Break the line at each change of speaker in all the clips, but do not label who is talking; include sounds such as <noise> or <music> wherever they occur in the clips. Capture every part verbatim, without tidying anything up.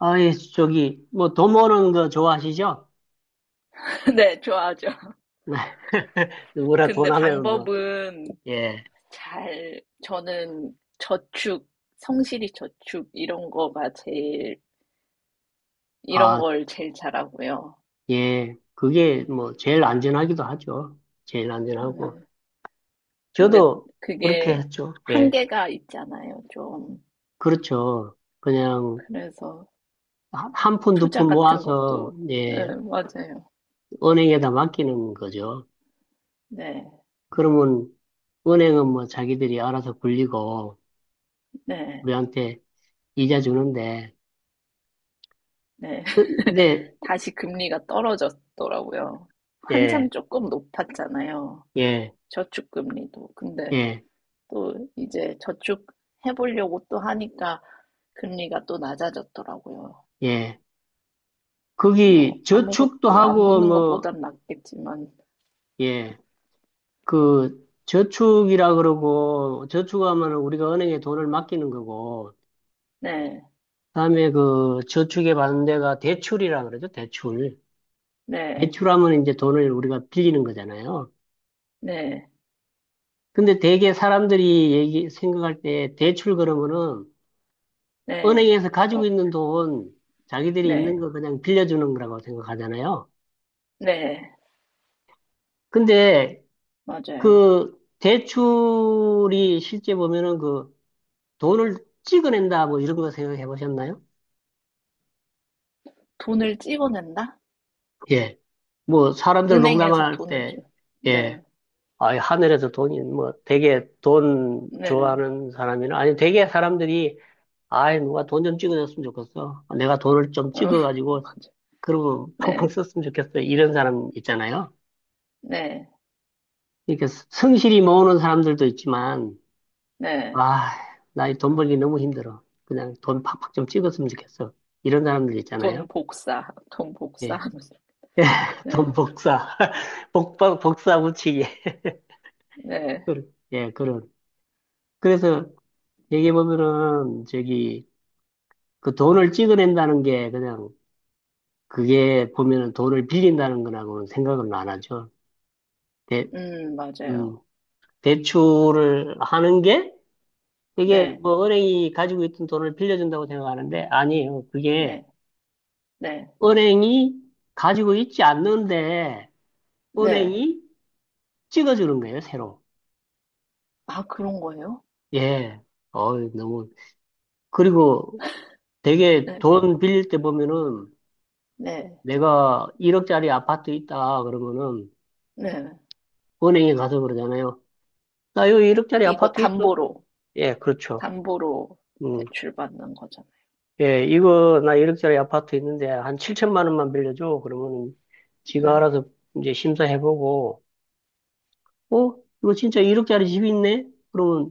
아이, 저기, 뭐, 돈 모으는 거 좋아하시죠?
<laughs> 네, 좋아하죠.
<laughs> 누구나
근데
돈 하면 뭐,
방법은,
예.
잘, 저는 저축, 성실히 저축, 이런 거가 제일, 이런
아,
걸 제일 잘하고요.
예. 그게 뭐, 제일 안전하기도 하죠. 제일 안전하고.
네. 근데
저도 그렇게
그게
했죠. 예.
한계가 있잖아요, 좀.
그렇죠. 그냥,
그래서
한 푼, 두
투자
푼
같은
모아서,
것도, 네,
예,
맞아요.
은행에다 맡기는 거죠.
네,
그러면, 은행은 뭐, 자기들이 알아서 굴리고,
네,
우리한테 이자 주는데,
네.
근데,
<laughs> 다시 금리가 떨어졌더라고요.
예,
한참 조금 높았잖아요.
예,
저축금리도. 근데
예,
또 이제 저축 해보려고 또 하니까 금리가 또 낮아졌더라고요.
예.
뭐
거기 저축도
아무것도 안
하고
붙는
뭐,
것보단 낫겠지만,
예, 그 저축이라 그러고 저축하면 우리가 은행에 돈을 맡기는 거고,
네,
그다음에 그 저축에 받는 데가 대출이라 그러죠, 대출.
네,
대출하면 이제 돈을 우리가 빌리는 거잖아요.
네,
근데 되게 사람들이 얘기, 생각할 때 대출 그러면은
네,
은행에서 가지고
어,
있는 돈, 자기들이 있는
네,
거 그냥 빌려주는 거라고 생각하잖아요.
네,
근데
맞아요.
그 대출이 실제 보면은 그 돈을 찍어낸다, 뭐 이런 거 생각해 보셨나요?
돈을 찍어낸다?
예. 뭐 사람들
은행에서
농담할
돈을 찍,
때, 예.
네,
아, 하늘에서 돈이, 뭐 되게 돈
네,
좋아하는 사람이나, 아니 되게 사람들이, 아이, 누가 돈 좀 찍어줬으면 좋겠어. 내가 돈을 좀
어,
찍어가지고, 그러면 팡팡
네,
썼으면 좋겠어. 이런 사람 있잖아요.
네,
이렇게 성실히 모으는 사람들도 있지만,
네,
아, 나 이 돈 벌기 너무 힘들어. 그냥 돈 팍팍 좀 찍었으면 좋겠어. 이런 사람들
돈
있잖아요.
복사, 돈
예.
복사하면서,
예, <laughs>
네,
돈 복사, <laughs> 복, 복- 복사 붙이기.
네,
그- 예, 그런. 그래서 얘기해보면은, 저기, 그 돈을 찍어낸다는 게 그냥, 그게 보면은 돈을 빌린다는 거라고는 생각은 안 하죠. 대,
음,
음,
맞아요.
대출을 하는 게, 이게
네,
뭐 은행이 가지고 있던 돈을 빌려준다고 생각하는데, 아니에요. 그게
네, 네,
은행이 가지고 있지 않는데,
네.
은행이 찍어주는 거예요, 새로.
아, 그런 거예요?
예. 어, 너무. 그리고 되게
네,
돈 빌릴 때 보면은
네,
내가 일 억짜리 아파트 있다 그러면은
네.
은행에 가서 그러잖아요. 나 여기 일 억짜리
이거
아파트 있어?
담보로,
예, 그렇죠.
담보로
음.
대출받는 거잖아요.
예, 이거 나 일 억짜리 아파트 있는데 한 칠천만 원만 빌려줘. 그러면은 지가
네,
알아서 이제 심사해보고 어? 이거 진짜 일 억짜리 집이 있네? 그러면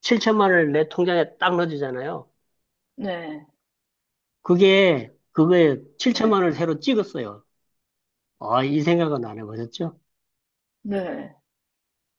칠천만 원을 내 통장에 딱 넣어주잖아요.
네,
그게 그거에
네,
칠천만 원을 새로 찍었어요. 아, 이 생각은 안 해보셨죠?
네,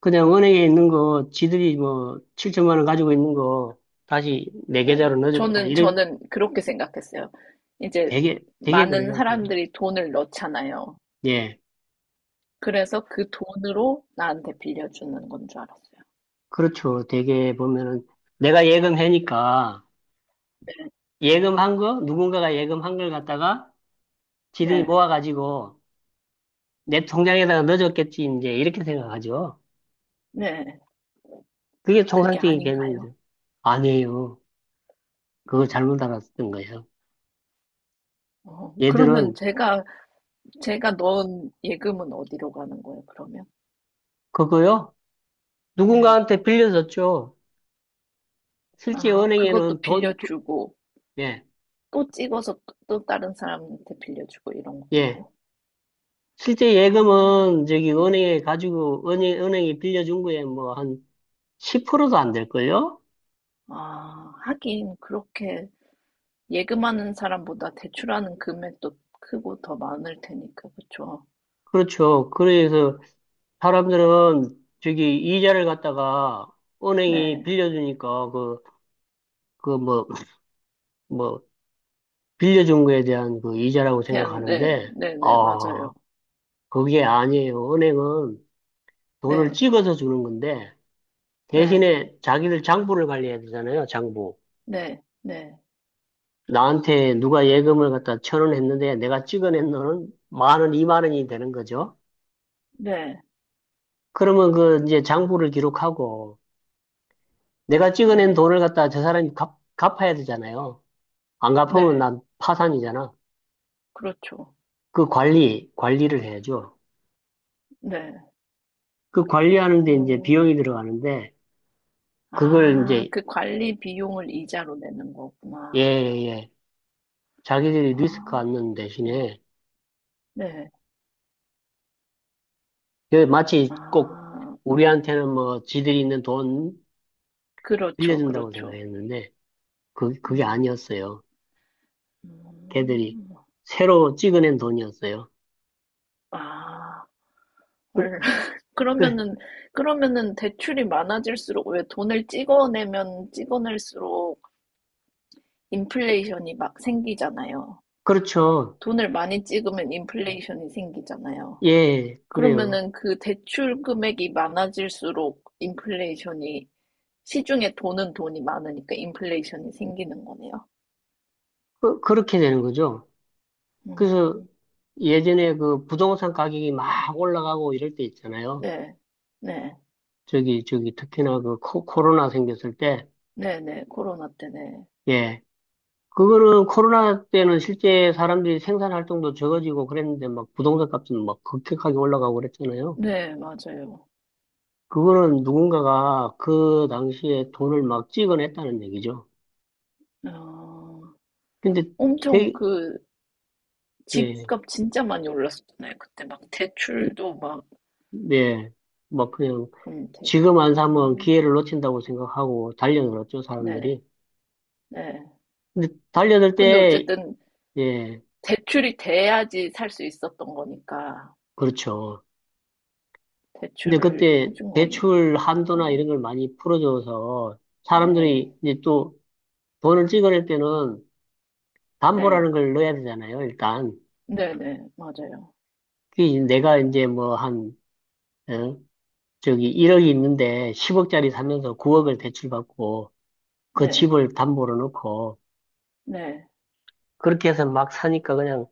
그냥 은행에 있는 거, 지들이 뭐 칠천만 원 가지고 있는 거 다시 내
네.
계좌로 넣어줬다.
저는,
이래
저는 그렇게 생각했어요. 이제
되게 되게
많은
그래요, 되게.
사람들이 돈을 넣잖아요.
예,
그래서 그 돈으로 나한테 빌려주는 건 줄 알았어요.
그렇죠. 되게 보면은 내가 예금해니까
네,
예금한 거 누군가가 예금한 걸 갖다가 지들이
네,
모아가지고 내 통장에다가 넣어줬겠지 이제 이렇게 생각하죠.
네.
그게
그게
통상적인
아닌가요?
개념이죠. 아니에요. 그걸 잘못 알았던 거예요.
어,
얘들은
그러면 제가, 제가 넣은 예금은 어디로 가는 거예요, 그러면?
그거요.
네.
누군가한테 빌려줬죠. 실제
아, 그것도
은행에는 돈, 돈-
빌려주고,
예.
또 찍어서 또 또 다른 사람한테 빌려주고 이런
예.
건가요?
실제
아,
예금은 저기
네.
은행에 가지고 은행, 은행이 빌려준 거에 뭐 한 십 프로도 안 될걸요?
아, 하긴 그렇게 예금하는 사람보다 대출하는 금액도 크고 더 많을 테니까, 그쵸?
그렇죠. 그래서 사람들은 저기 이자를 갖다가 은행이
네.
빌려주니까 그, 그 뭐, 뭐, 빌려준 거에 대한 그 이자라고
대한, 네,
생각하는데,
네, 네,
아,
맞아요.
그게 아니에요. 은행은 돈을
네,
찍어서 주는 건데,
네,
대신에 자기들 장부를 관리해야 되잖아요. 장부.
네, 네,
나한테 누가 예금을 갖다 천원 했는데 내가 찍어낸 돈은 만 원, 이만 원이 되는 거죠.
네,
그러면 그 이제 장부를 기록하고 내가 찍어낸
네,
돈을 갖다 저 사람이 갚, 갚아야 되잖아요. 안 갚으면
네,
난 파산이잖아.
그렇죠.
그 관리, 관리를 해야죠.
네.
그 관리하는데 이제
어,
비용이 들어가는데 그걸
아,
이제
그 관리 비용을 이자로 내는
예,
거구나.
예, 예. 자기들이 리스크
아,
안는
네,
대신에
네.
그 마치 꼭
아, 네.
우리한테는 뭐 지들이 있는 돈
그렇죠,
빌려준다고
그렇죠.
생각했는데 그, 그게
음.
아니었어요.
음.
걔들이
음, 음.
새로 찍어낸 돈이었어요.
아,
그,
헐. <laughs>
그래.
그러면은, 그러면은 대출이 많아질수록, 왜 돈을 찍어내면 찍어낼수록 인플레이션이 막 생기잖아요.
그렇죠.
돈을 많이 찍으면 인플레이션이 생기잖아요.
예, 그래요.
그러면은 그 대출 금액이 많아질수록 인플레이션이, 시중에 도는 돈이 많으니까 인플레이션이 생기는 거네요.
그, 그렇게 되는 거죠. 그래서
음,
예전에 그 부동산 가격이 막 올라가고 이럴 때 있잖아요.
네, 네,
저기, 저기, 특히나 그 코, 코로나 생겼을 때,
네, 네, 코로나 때네.
예. 그거는 코로나 때는 실제 사람들이 생산 활동도 적어지고 그랬는데 막 부동산 값은 막 급격하게 올라가고 그랬잖아요.
네, 맞아요.
그거는 누군가가 그 당시에 돈을 막 찍어냈다는 얘기죠.
어...
근데
엄청
되게,
그
예.
집값 진짜 많이 올랐었잖아요. 그때 막 대출도 막
네, 뭐 그냥
그럼 돼.
지금 안 사면
음,
기회를 놓친다고 생각하고 달려들었죠,
네,
사람들이.
네.
근데 달려들
근데
때,
어쨌든
예,
대출이 돼야지 살 수 있었던 거니까
그렇죠. 근데
대출을
그때
해준 건
대출 한도나
거네요.
이런 걸 많이 풀어줘서
네,
사람들이 이제 또 돈을 찍어낼 때는
네,
담보라는 걸 넣어야 되잖아요, 일단.
네, 네, 맞아요.
그게 이제 내가 이제 뭐 한, 어, 저기 일 억이 있는데 십 억짜리 사면서 구 억을 대출받고 그
네,
집을 담보로 넣고
네,
그렇게 해서 막 사니까 그냥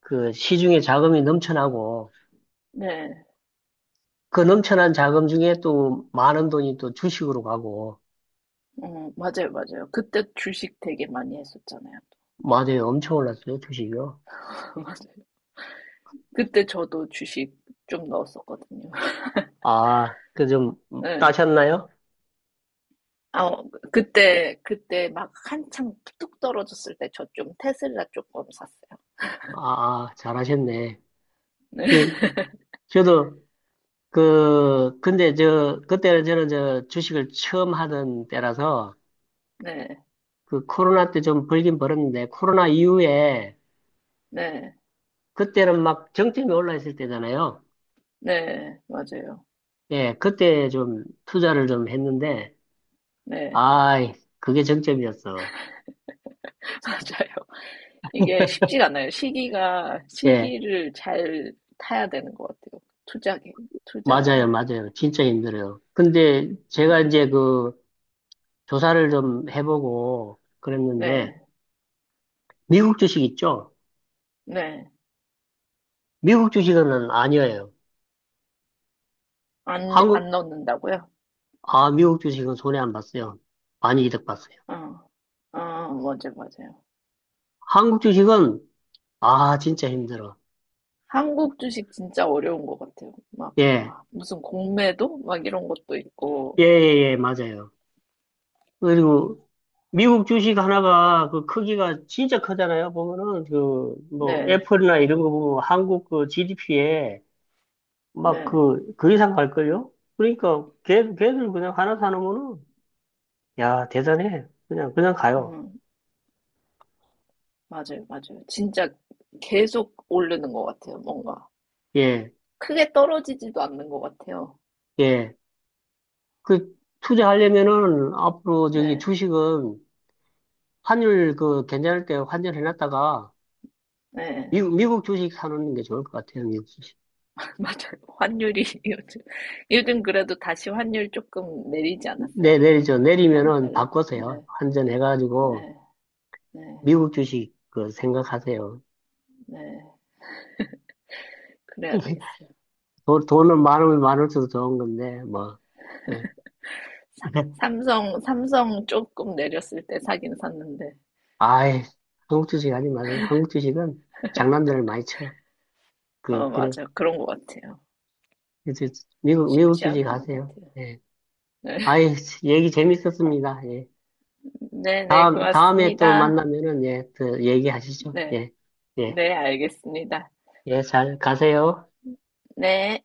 그 시중에 자금이 넘쳐나고
네.
그 넘쳐난 자금 중에 또 많은 돈이 또 주식으로 가고
음, 맞아요, 맞아요. 그때 주식 되게 많이 했었잖아요.
맞아요. 엄청 올랐어요. 주식이요.
<laughs> 맞아요. 그때 저도 주식 좀 넣었었거든요. <laughs>
아, 그 좀
네.
따셨나요?
아, 어, 그때, 그때 막 한창 뚝 떨어졌을 때 저 좀 테슬라 조금 샀어요.
아, 아, 잘하셨네.
네, <laughs>
그 저도 그 근데 저 그때는 저는 저 주식을 처음 하던 때라서
네,
그 코로나 때 좀 벌긴 벌었는데 코로나 이후에
네,
그때는 막 정점이 올라 있을 때잖아요.
네, 맞아요.
예, 그때 좀 투자를 좀 했는데
네,
아이 그게 정점이었어.
<laughs> 맞아요. 이게 쉽지가 않아요. 시기가,
예,
시기를 잘 타야 되는 것 같아요. 투자기, 투자라는
맞아요,
게.
맞아요. 진짜 힘들어요. 근데 제가
음,
이제 그 조사를 좀 해보고 그랬는데,
네,
미국 주식 있죠?
네.
미국 주식은 아니에요.
안, 안
한국,
넣는다고요?
아, 미국 주식은 손해 안 봤어요. 많이 이득 봤어요.
어, 어, 맞아요, 맞아요.
한국 주식은, 아, 진짜 힘들어.
한국 주식 진짜 어려운 것 같아요. 막,
예,
막 무슨 공매도? 막 이런 것도 있고,
예, 예, 예, 맞아요. 그리고 미국 주식 하나가 그 크기가 진짜 크잖아요. 보면은 그, 뭐,
네.
애플이나 이런 거 보면 한국 그 지디피에 막
네.
그, 그 이상 갈걸요? 그러니까 걔, 걔들 그냥 하나 사놓으면은, 야, 대단해. 그냥, 그냥 가요.
음, 맞아요, 맞아요. 진짜 계속 오르는 것 같아요, 뭔가.
예,
크게 떨어지지도 않는 것 같아요.
예. 그, 투자하려면은 앞으로 저기
네,
주식은 환율 그 괜찮을 때 환전해놨다가
네.
미국, 미국 주식 사놓는 게 좋을 것 같아요, 미국 주식.
<laughs> 맞아요. 환율이 <laughs> 요즘, 요즘 그래도 다시 환율 조금 내리지 않았어요?
네, 내리죠. 내리면은
원달러? 네,
바꿔서요. 환전해가지고
네, 네,
미국 주식 그 생각하세요.
네. 그래야 되겠어요.
돈, 돈은 많으면 많을수록 좋은 건데, 뭐. 네.
사,
<laughs>
삼성, 삼성 조금 내렸을 때 사긴 샀는데.
아이, 한국 주식 하지 마세요. 한국 주식은 장난들을 많이 쳐.
어,
그, 그래.
맞아요. 그런 것 같아요.
그래서 미국, 미국
쉽지
주식
않은 것
하세요.
같아요.
예.
네, <laughs>
아이, 얘기 재밌었습니다. 예.
네, 네,
다음, 다음에 또
고맙습니다.
만나면은, 예, 또 얘기하시죠.
네.
예. 예.
네, 알겠습니다.
예, 잘 가세요.
네.